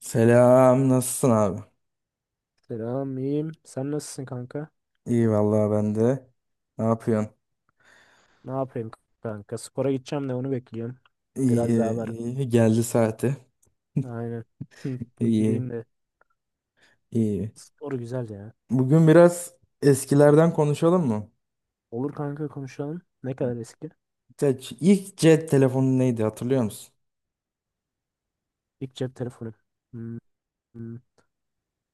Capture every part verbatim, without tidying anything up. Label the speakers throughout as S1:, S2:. S1: Selam, nasılsın abi?
S2: Selam, iyiyim. Sen nasılsın kanka?
S1: İyi vallahi ben de. Ne yapıyorsun?
S2: Ne yapayım kanka? Spora gideceğim de onu bekliyorum. Biraz
S1: İyi,
S2: daha var.
S1: iyi. Geldi saati.
S2: Aynen.
S1: İyi,
S2: Gideyim de.
S1: iyi.
S2: Spor güzel ya.
S1: Bugün biraz eskilerden konuşalım mı?
S2: Olur kanka konuşalım. Ne kadar eski?
S1: Ya c- İlk cep telefonu neydi hatırlıyor musun?
S2: İlk cep telefonu. Hmm, hmm.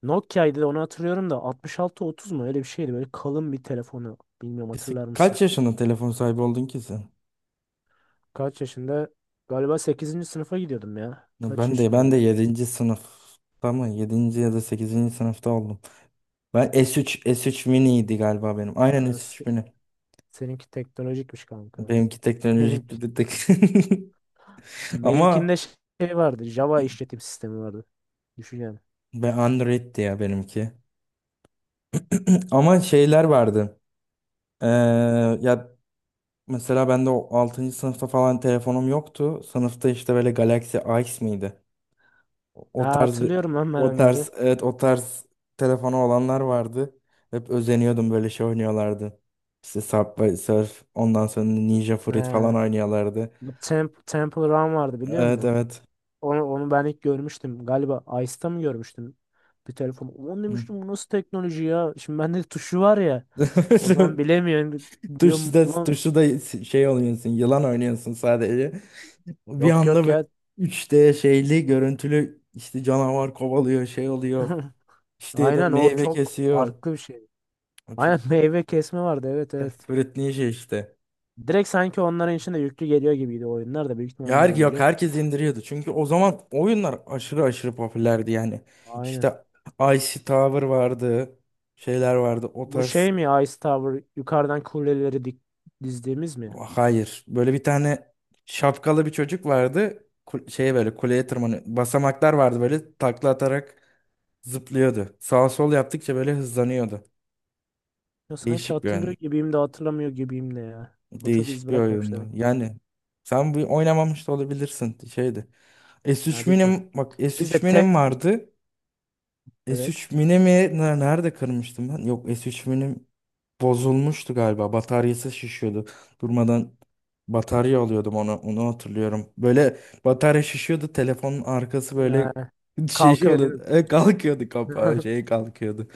S2: Nokia'ydı da onu hatırlıyorum da altmış altı otuz mu? Öyle bir şeydi. Böyle kalın bir telefonu. Bilmiyorum
S1: Kısa-
S2: hatırlar mısın?
S1: Kaç yaşında telefon sahibi oldun ki sen?
S2: Kaç yaşında? Galiba sekizinci sınıfa gidiyordum ya. Kaç
S1: Ben de
S2: yaşında
S1: ben de
S2: oluyor?
S1: yedinci sınıfta mı? Yedinci ya da sekizinci sınıfta oldum. Ben S üç S üç Mini'ydi galiba benim. Aynen
S2: Aa, se-
S1: S üç Mini.
S2: seninki teknolojikmiş kanka.
S1: Benimki teknolojikti
S2: Benimki
S1: dedik. Ama
S2: benimkinde şey vardı. Java işletim sistemi vardı. Düşün yani.
S1: ben Android'ti ya benimki. Ama şeyler vardı. Ee, ya mesela ben de o altıncı sınıfta falan telefonum yoktu. Sınıfta işte böyle Galaxy Ace miydi? O o
S2: Ha,
S1: tarz bir,
S2: hatırlıyorum lan ben
S1: o
S2: onları.
S1: tarz, evet, o tarz telefonu olanlar vardı. Hep özeniyordum, böyle şey oynuyorlardı. İşte Subway Surf, ondan sonra Ninja Fruit falan
S2: Ha,
S1: oynuyorlardı.
S2: bu Temp Temple Run vardı biliyor
S1: Evet,
S2: musun?
S1: evet.
S2: Onu, onu ben ilk görmüştüm. Galiba Ice'ta mı görmüştüm? Bir telefon. Onu
S1: Hı.
S2: demiştim bu nasıl teknoloji ya? Şimdi bende tuşu var ya. O zaman bilemiyorum.
S1: Tuşu
S2: Diyorum
S1: da,
S2: ulan
S1: tuşu da şey oynuyorsun, yılan oynuyorsun sadece. Bir
S2: yok yok
S1: anda böyle
S2: ya.
S1: üç D şeyli görüntülü, işte canavar kovalıyor, şey oluyor. İşte ya da
S2: Aynen o
S1: meyve
S2: çok
S1: kesiyor.
S2: farklı bir şey.
S1: O Çok
S2: Aynen meyve kesme vardı, evet evet.
S1: öğrettiği şey işte.
S2: Direkt sanki onların içinde yüklü geliyor gibiydi oyunlar da, büyük ihtimalle
S1: Ya, her,
S2: onlar
S1: yok,
S2: indiriyor.
S1: herkes indiriyordu. Çünkü o zaman oyunlar aşırı aşırı popülerdi yani.
S2: Aynen.
S1: İşte Icy Tower vardı. Şeyler vardı. O
S2: Bu
S1: tarz.
S2: şey mi, Ice Tower, yukarıdan kuleleri dik dizdiğimiz mi?
S1: Hayır. Böyle bir tane şapkalı bir çocuk vardı. Kul- Şey, böyle kuleye tırmanıyor. Basamaklar vardı, böyle takla atarak zıplıyordu. Sağ sol yaptıkça böyle hızlanıyordu.
S2: Ya sanki
S1: Değişik bir
S2: hatırlıyor
S1: oyun.
S2: gibiyim de hatırlamıyor gibiyim de ya. O çok iz
S1: Değişik bir
S2: bırakmamış
S1: oyundu.
S2: demek.
S1: Yani sen bu oynamamış da olabilirsin, şeydi. S üç
S2: Ya büyük ihtimal.
S1: Mini'm, bak
S2: Biz
S1: S üç
S2: de te...
S1: Mini'm vardı.
S2: Evet.
S1: S üç Mini mi ne- nerede kırmıştım ben? Yok, S üç Mini'm bozulmuştu galiba. Bataryası şişiyordu. Durmadan batarya alıyordum, onu onu hatırlıyorum. Böyle batarya şişiyordu. Telefonun arkası böyle
S2: Ee,
S1: şey
S2: kalkıyor değil mi?
S1: oluyordu. E, Kalkıyordu kapağı, şey kalkıyordu.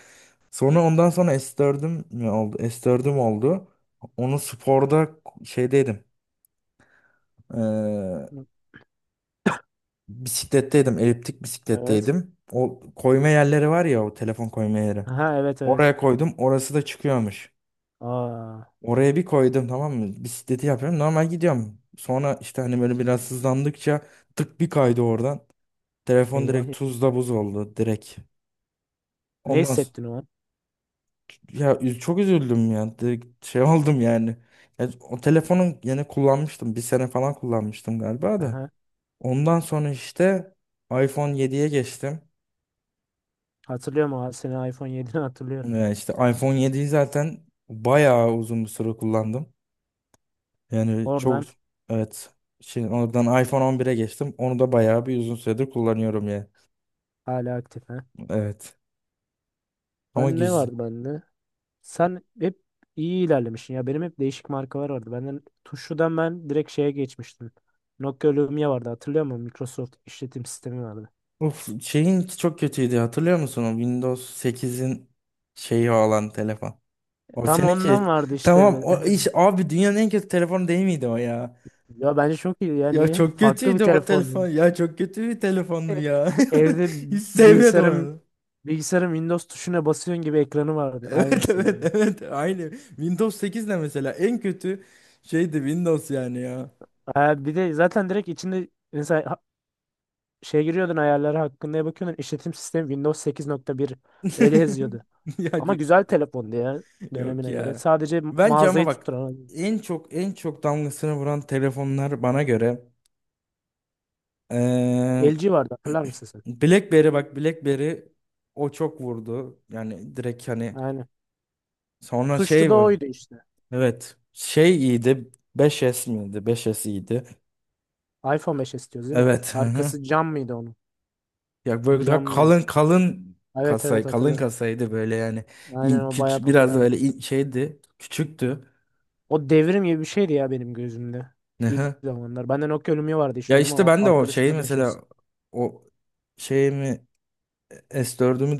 S1: Sonra ondan sonra S dördüm mi oldu? S dördüm oldu. Onu sporda şeydeydim. eee, bisikletteydim. Eliptik
S2: Evet.
S1: bisikletteydim. O koyma yerleri var ya, o telefon koyma yeri.
S2: Aha, evet evet.
S1: Oraya koydum. Orası da çıkıyormuş.
S2: Aa,
S1: Oraya bir koydum, tamam mı? Bisikleti yapıyorum. Normal gidiyorum. Sonra işte, hani böyle biraz hızlandıkça, tık bir kaydı oradan. Telefon
S2: eyvah.
S1: direkt tuzla buz oldu, direkt.
S2: Ne
S1: Ondan sonra.
S2: hissettin o an?
S1: Ya, üz- çok üzüldüm ya. Direkt şey oldum yani. Ya, o telefonu yine kullanmıştım. Bir sene falan kullanmıştım galiba da.
S2: Aha.
S1: Ondan sonra işte iPhone yediye geçtim.
S2: Hatırlıyorum o an. Seni iPhone yedini hatırlıyorum.
S1: Ee, işte iPhone yediyi zaten bayağı uzun bir süre kullandım. Yani çok,
S2: Oradan
S1: evet. Şimdi oradan iPhone on bire geçtim. Onu da bayağı bir uzun süredir kullanıyorum ya.
S2: hala aktif ha.
S1: Evet. Ama
S2: Ben ne
S1: güzel.
S2: vardı bende? Sen hep iyi ilerlemişsin ya. Benim hep değişik markalar vardı. Benden Tuşu'dan ben direkt şeye geçmiştim. Nokia Lumia vardı hatırlıyor musun? Microsoft işletim sistemi vardı.
S1: Of, şeyin çok kötüydü hatırlıyor musun? O Windows sekizin şeyi olan telefon.
S2: E,
S1: O
S2: Tam ondan
S1: seninki.
S2: vardı
S1: Tamam
S2: işte.
S1: o iş abi, dünyanın en kötü telefonu değil miydi o ya?
S2: Ya bence çok iyi ya.
S1: Ya
S2: Niye?
S1: çok
S2: Farklı bir
S1: kötüydü o telefon.
S2: telefon.
S1: Ya çok kötü bir
S2: E,
S1: telefondu ya.
S2: Evde
S1: Hiç sevmedim
S2: bilgisayarım
S1: onu.
S2: bilgisayarım Windows tuşuna basıyorsun gibi ekranı vardı.
S1: Evet,
S2: Aynısı yine.
S1: evet, evet, aynı. Windows sekiz de mesela en kötü şeydi, Windows yani ya.
S2: Ha, bir de zaten direkt içinde mesela ha- şey giriyordun, ayarları hakkında bakıyordun. İşletim sistemi Windows sekiz nokta bir öyle yazıyordu.
S1: Ya
S2: Ama
S1: yok,
S2: güzel telefondu ya
S1: yok
S2: dönemine göre.
S1: ya.
S2: Sadece
S1: Bence ama
S2: mağazayı
S1: bak,
S2: tutturan
S1: en çok en çok damgasını vuran telefonlar bana göre, Ee,
S2: L G vardı, hatırlar mısın sen?
S1: BlackBerry, bak BlackBerry o çok vurdu. Yani direkt hani,
S2: Aynen.
S1: sonra
S2: Tuşlu
S1: şey
S2: da
S1: var.
S2: oydu işte.
S1: Evet. Şey iyiydi. Beş S miydi? beş S iyiydi.
S2: iPhone beş istiyoruz değil mi?
S1: Evet. Hı hı.
S2: Arkası cam mıydı onun?
S1: Ya, böyle daha
S2: Camlıyor.
S1: kalın kalın,
S2: Evet evet,
S1: kasay kalın
S2: hatırlıyorum.
S1: kasaydı böyle yani.
S2: Aynen
S1: İn,
S2: o
S1: küç,
S2: bayağı
S1: biraz da
S2: popülerdi.
S1: böyle in- şeydi. Küçüktü.
S2: O devrim gibi bir şeydi ya benim gözümde.
S1: Hı
S2: İlk
S1: hı.
S2: zamanlar. Bende Nokia Lumia vardı işte
S1: Ya
S2: o zaman.
S1: işte
S2: O
S1: ben de o
S2: arkadaşım
S1: şey
S2: da beş S.
S1: mesela, o şeyimi, S dördümü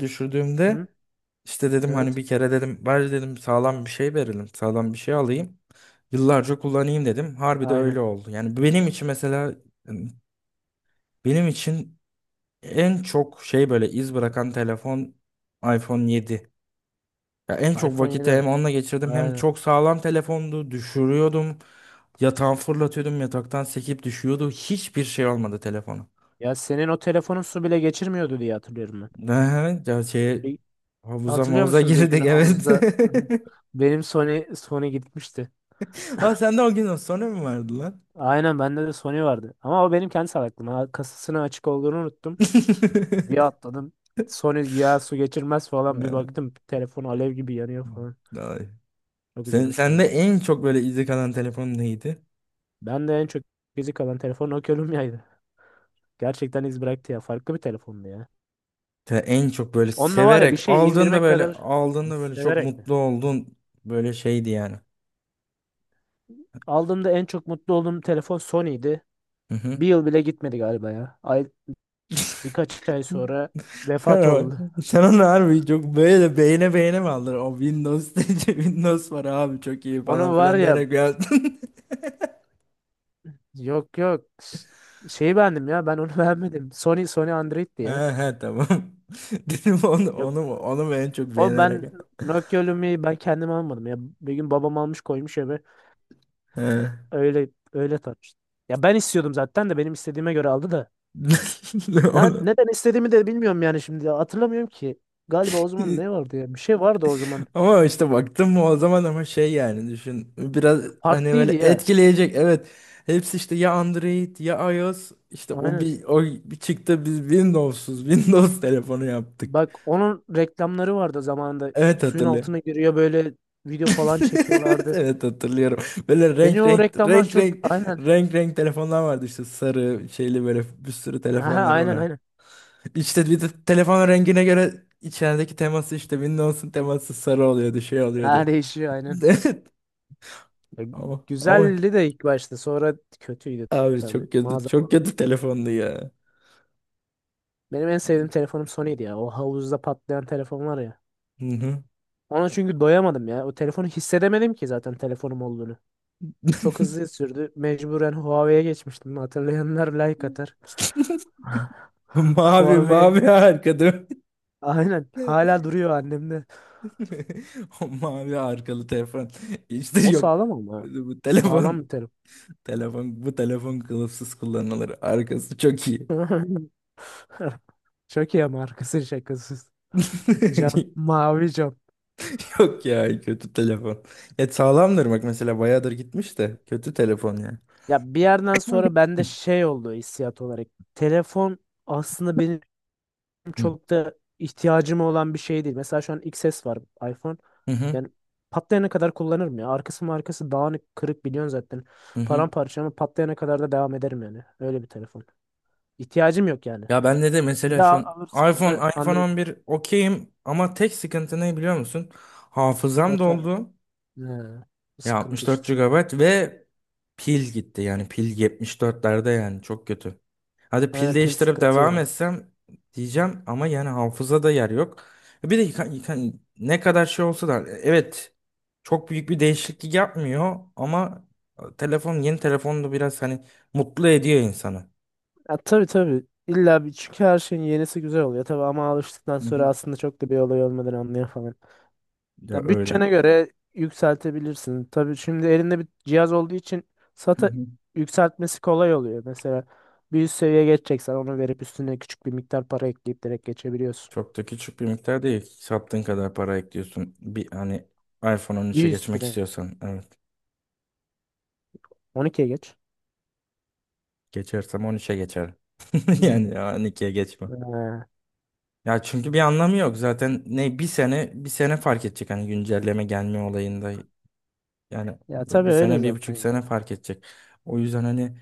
S2: Hı-hı.
S1: düşürdüğümde, işte dedim hani,
S2: Evet.
S1: bir kere dedim, bari dedim sağlam bir şey verelim. Sağlam bir şey alayım. Yıllarca kullanayım dedim. Harbi de
S2: Aynen.
S1: öyle oldu. Yani benim için mesela, yani benim için en çok şey, böyle iz bırakan telefon iPhone yedi. Ya en çok
S2: iPhone
S1: vakiti
S2: yedi.
S1: hem onunla geçirdim, hem
S2: Aynen.
S1: çok sağlam telefondu. Düşürüyordum. Yatağa fırlatıyordum. Yataktan sekip düşüyordu. Hiçbir şey olmadı telefona.
S2: Ya senin o telefonun su bile geçirmiyordu diye hatırlıyorum ben.
S1: Ne? Ya şey,
S2: Bir
S1: havuza
S2: hatırlıyor
S1: mavuza
S2: musun bir gün
S1: girdik, evet.
S2: havuzda benim Sony Sony gitmişti.
S1: Ha, sende o gün sonra mı vardı lan?
S2: Aynen bende de Sony vardı. Ama o benim kendi salaklığım. Ha, kasasının açık olduğunu unuttum. Bir atladım. Sony güya su geçirmez falan. Bir
S1: Ha,
S2: baktım telefon alev gibi yanıyor falan.
S1: vay.
S2: Çok
S1: Sen,
S2: üzülmüştüm
S1: sende
S2: aslında.
S1: en çok böyle izi kalan telefon neydi?
S2: Ben de en çok gizli kalan telefon Nokia Lumia'ydı. Gerçekten iz bıraktı ya. Farklı bir telefondu ya.
S1: Te- En çok böyle
S2: Onunla var ya bir
S1: severek
S2: şey
S1: aldığında,
S2: indirmek
S1: böyle
S2: kadar
S1: aldığında böyle çok
S2: severek mi?
S1: mutlu oldun, böyle şeydi yani.
S2: Aldığımda en çok mutlu olduğum telefon Sony'ydi.
S1: Hı hı.
S2: Bir yıl bile gitmedi galiba ya. Birkaç ay sonra
S1: Sen,
S2: vefat
S1: o-
S2: oldu.
S1: sen onu harbi çok böyle beğene beğene mi aldın? O Windows Windows var abi, çok iyi falan
S2: Onun var
S1: filan
S2: ya,
S1: diyerek yaptın.
S2: yok yok, şeyi beğendim ya ben, onu beğenmedim. Sony Sony Android'ti ya.
S1: Ha ha, tamam. Dedim onu
S2: Yok,
S1: onu mu onu mu en çok
S2: o
S1: beğenerek.
S2: ben Nokia Lumia'yı ben kendim almadım ya. Bir gün babam almış, koymuş eve,
S1: He.
S2: öyle öyle tartıştım. Ya ben istiyordum zaten de benim istediğime göre aldı da. Ne,
S1: Onu
S2: neden istediğimi de bilmiyorum yani şimdi hatırlamıyorum ki. Galiba o zaman ne vardı ya, bir şey vardı o zaman.
S1: Ama işte baktım mı o zaman, ama şey yani, düşün biraz hani, böyle
S2: Farklıydı ya.
S1: etkileyecek, evet, hepsi işte ya Android ya iOS, işte o
S2: Aynen.
S1: bir o bir çıktı, biz Windows'uz. Windows telefonu yaptık.
S2: Bak onun reklamları vardı zamanında.
S1: Evet,
S2: Suyun
S1: hatırlıyorum.
S2: altına giriyor böyle video falan
S1: Evet,
S2: çekiyorlardı.
S1: evet, hatırlıyorum. Böyle
S2: Beni
S1: renk
S2: o
S1: renk
S2: reklamlar
S1: renk
S2: çok,
S1: renk
S2: aynen.
S1: renk renk telefonlar vardı, işte sarı şeyli, böyle bir sürü
S2: Aha,
S1: telefonlar
S2: aynen
S1: vardı.
S2: aynen.
S1: İşte bir de telefonun rengine göre içerideki teması, işte Windows'un teması sarı oluyordu, şey oluyordu.
S2: Ha değişiyor aynen.
S1: Evet,
S2: Ya,
S1: ama ama
S2: Güzeldi de ilk başta sonra kötüydü
S1: abi
S2: tabii.
S1: çok kötü,
S2: Mağaza
S1: çok
S2: falan.
S1: kötü telefondu ya.
S2: Benim en sevdiğim telefonum Sony'ydi ya. O havuzda patlayan telefon var ya.
S1: Hı hı.
S2: Ona çünkü doyamadım ya. O telefonu hissedemedim ki zaten telefonum olduğunu. Çok hızlı sürdü. Mecburen Huawei'ye geçmiştim. Hatırlayanlar like atar.
S1: Mavi
S2: Huawei.
S1: mavi arkada.
S2: Aynen. Hala duruyor annemde.
S1: O mavi arkalı telefon. İşte
S2: O
S1: yok.
S2: sağlam ama.
S1: Bu bu
S2: Sağlam
S1: telefon
S2: bir terim.
S1: telefon bu telefon kılıfsız kullanılır. Arkası çok iyi.
S2: Çok iyi ama arkası şakasız. Cam, mavi cam.
S1: Yok ya, kötü telefon. Ya sağlamdır bak mesela, bayağıdır gitmiş, de kötü telefon ya.
S2: Ya bir yerden sonra bende şey oldu hissiyat olarak. Telefon aslında benim
S1: Hı.
S2: çok da ihtiyacım olan bir şey değil. Mesela şu an X S var, iPhone.
S1: Hı hı.
S2: Yani patlayana kadar kullanırım ya. Arkası markası dağınık kırık biliyorsun zaten.
S1: Hı.
S2: Paramparça ama patlayana kadar da devam ederim yani. Öyle bir telefon. İhtiyacım yok yani.
S1: Ya bende de
S2: Bir
S1: mesela şu
S2: daha
S1: an
S2: alırsam da
S1: iPhone, iPhone
S2: Android
S1: on bir okeyim, ama tek sıkıntı ne biliyor musun? Hafızam
S2: batar.
S1: doldu.
S2: He, bu
S1: Ya
S2: sıkıntı
S1: altmış dört
S2: işte.
S1: gigabayt ve pil gitti. Yani pil yetmiş dörtlerde, yani çok kötü. Hadi pil
S2: Yani pil
S1: değiştirip
S2: sıkıntı
S1: devam
S2: ya.
S1: etsem diyeceğim, ama yani hafızada yer yok. E Bir de yıka- yıka- ne kadar şey olsa da, evet, çok büyük bir değişiklik yapmıyor, ama telefon, yeni telefon da biraz hani mutlu ediyor insanı.
S2: Ya tabii tabii. İlla bir, çünkü her şeyin yenisi güzel oluyor tabii ama alıştıktan
S1: Hı hı.
S2: sonra aslında çok da bir olay olmadığını anlıyor falan.
S1: Ya
S2: Ya
S1: öyle.
S2: bütçene göre yükseltebilirsin. Tabii şimdi elinde bir cihaz olduğu için SATA yükseltmesi kolay oluyor. Mesela bir üst seviye geçeceksen onu verip üstüne küçük bir miktar para ekleyip direkt geçebiliyorsun.
S1: Çok da küçük bir miktar değil. Sattığın kadar para ekliyorsun. Bir hani iPhone on üçe
S2: Bir
S1: geçmek
S2: üstüne
S1: istiyorsan. Evet.
S2: on ikiye geç.
S1: Geçersem on üçe geçerim.
S2: Hı.
S1: Yani on ikiye geçmem.
S2: Ha,
S1: Ya çünkü bir anlamı yok. Zaten ne bir sene bir sene fark edecek hani, güncelleme gelme olayında. Yani
S2: ya tabii
S1: bir
S2: öyle
S1: sene, bir
S2: zaten,
S1: buçuk
S2: yani.
S1: sene fark edecek. O yüzden hani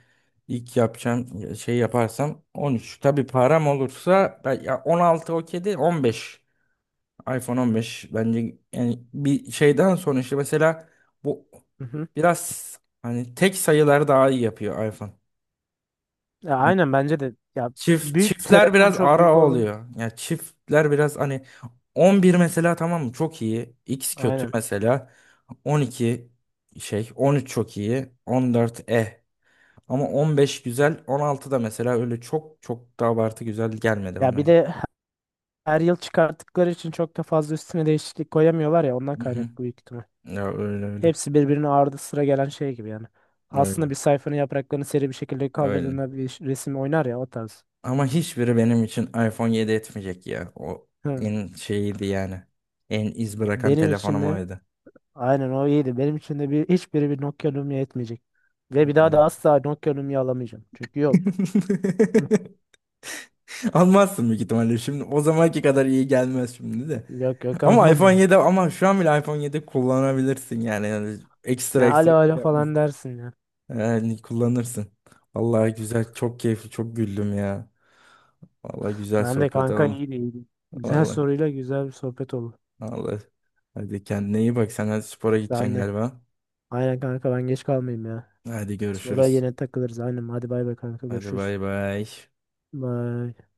S1: ilk yapacağım şey, yaparsam on üç. Tabii param olursa ben- ya, on altı okey değil, on beş. iPhone on beş bence, yani bir şeyden sonra işte, mesela bu
S2: Hı hı.
S1: biraz hani, tek sayılar daha iyi yapıyor iPhone.
S2: Ya
S1: Yani
S2: aynen bence de ya,
S1: çift
S2: büyük
S1: çiftler
S2: telefon
S1: biraz
S2: çok
S1: ara
S2: büyük oldu.
S1: oluyor. Yani çiftler biraz hani, on bir mesela, tamam mı, çok iyi. X kötü
S2: Aynen.
S1: mesela. on iki şey, on üç çok iyi. on dört eh. Ama on beş güzel. on altı da mesela öyle çok çok da abartı güzel gelmedi
S2: Ya
S1: bana
S2: bir
S1: ya.
S2: de her yıl çıkarttıkları için çok da fazla üstüne değişiklik koyamıyorlar ya, ondan
S1: Hı hı.
S2: kaynaklı büyük ihtimal.
S1: Ya öyle öyle.
S2: Hepsi birbirine ardı sıra gelen şey gibi yani. Aslında bir
S1: Öyle.
S2: sayfanın yapraklarını seri bir şekilde
S1: Öyle.
S2: kaldırdığında bir ş- resim oynar ya, o tarz.
S1: Ama hiçbiri benim için iPhone yedi etmeyecek ya. O
S2: Hı.
S1: en şeyiydi yani. En iz bırakan
S2: Benim için
S1: telefonum
S2: de
S1: oydu.
S2: aynen o iyiydi. Benim için de bir, hiçbiri bir Nokia Lumia etmeyecek. Ve bir daha
S1: Ulan.
S2: da asla Nokia Lumia alamayacağım. Çünkü yok. Hı.
S1: Almazsın büyük ihtimalle. Şimdi o zamanki kadar iyi gelmez şimdi de.
S2: Yok yok,
S1: Ama
S2: almam
S1: iPhone
S2: ben.
S1: yedi, ama şu an bile iPhone yedi kullanabilirsin yani. Yani
S2: Ne
S1: ekstra ekstra
S2: alo
S1: bir
S2: alo
S1: şey
S2: falan
S1: yapmasın.
S2: dersin ya.
S1: Yani kullanırsın. Vallahi güzel, çok keyifli, çok güldüm ya. Vallahi güzel
S2: Ben de
S1: sohbet
S2: kanka,
S1: oldu.
S2: iyiydi iyiydi. Güzel
S1: Vallahi.
S2: soruyla güzel bir sohbet oldu.
S1: Vallahi. Hadi kendine iyi bak. Sen hadi spora
S2: Ben
S1: gideceksin
S2: de.
S1: galiba.
S2: Aynen kanka ben geç kalmayayım ya.
S1: Hadi
S2: Sonra
S1: görüşürüz.
S2: yine takılırız. Aynen. Hadi bay bay kanka.
S1: Hadi
S2: Görüşürüz.
S1: bay bay.
S2: Bye.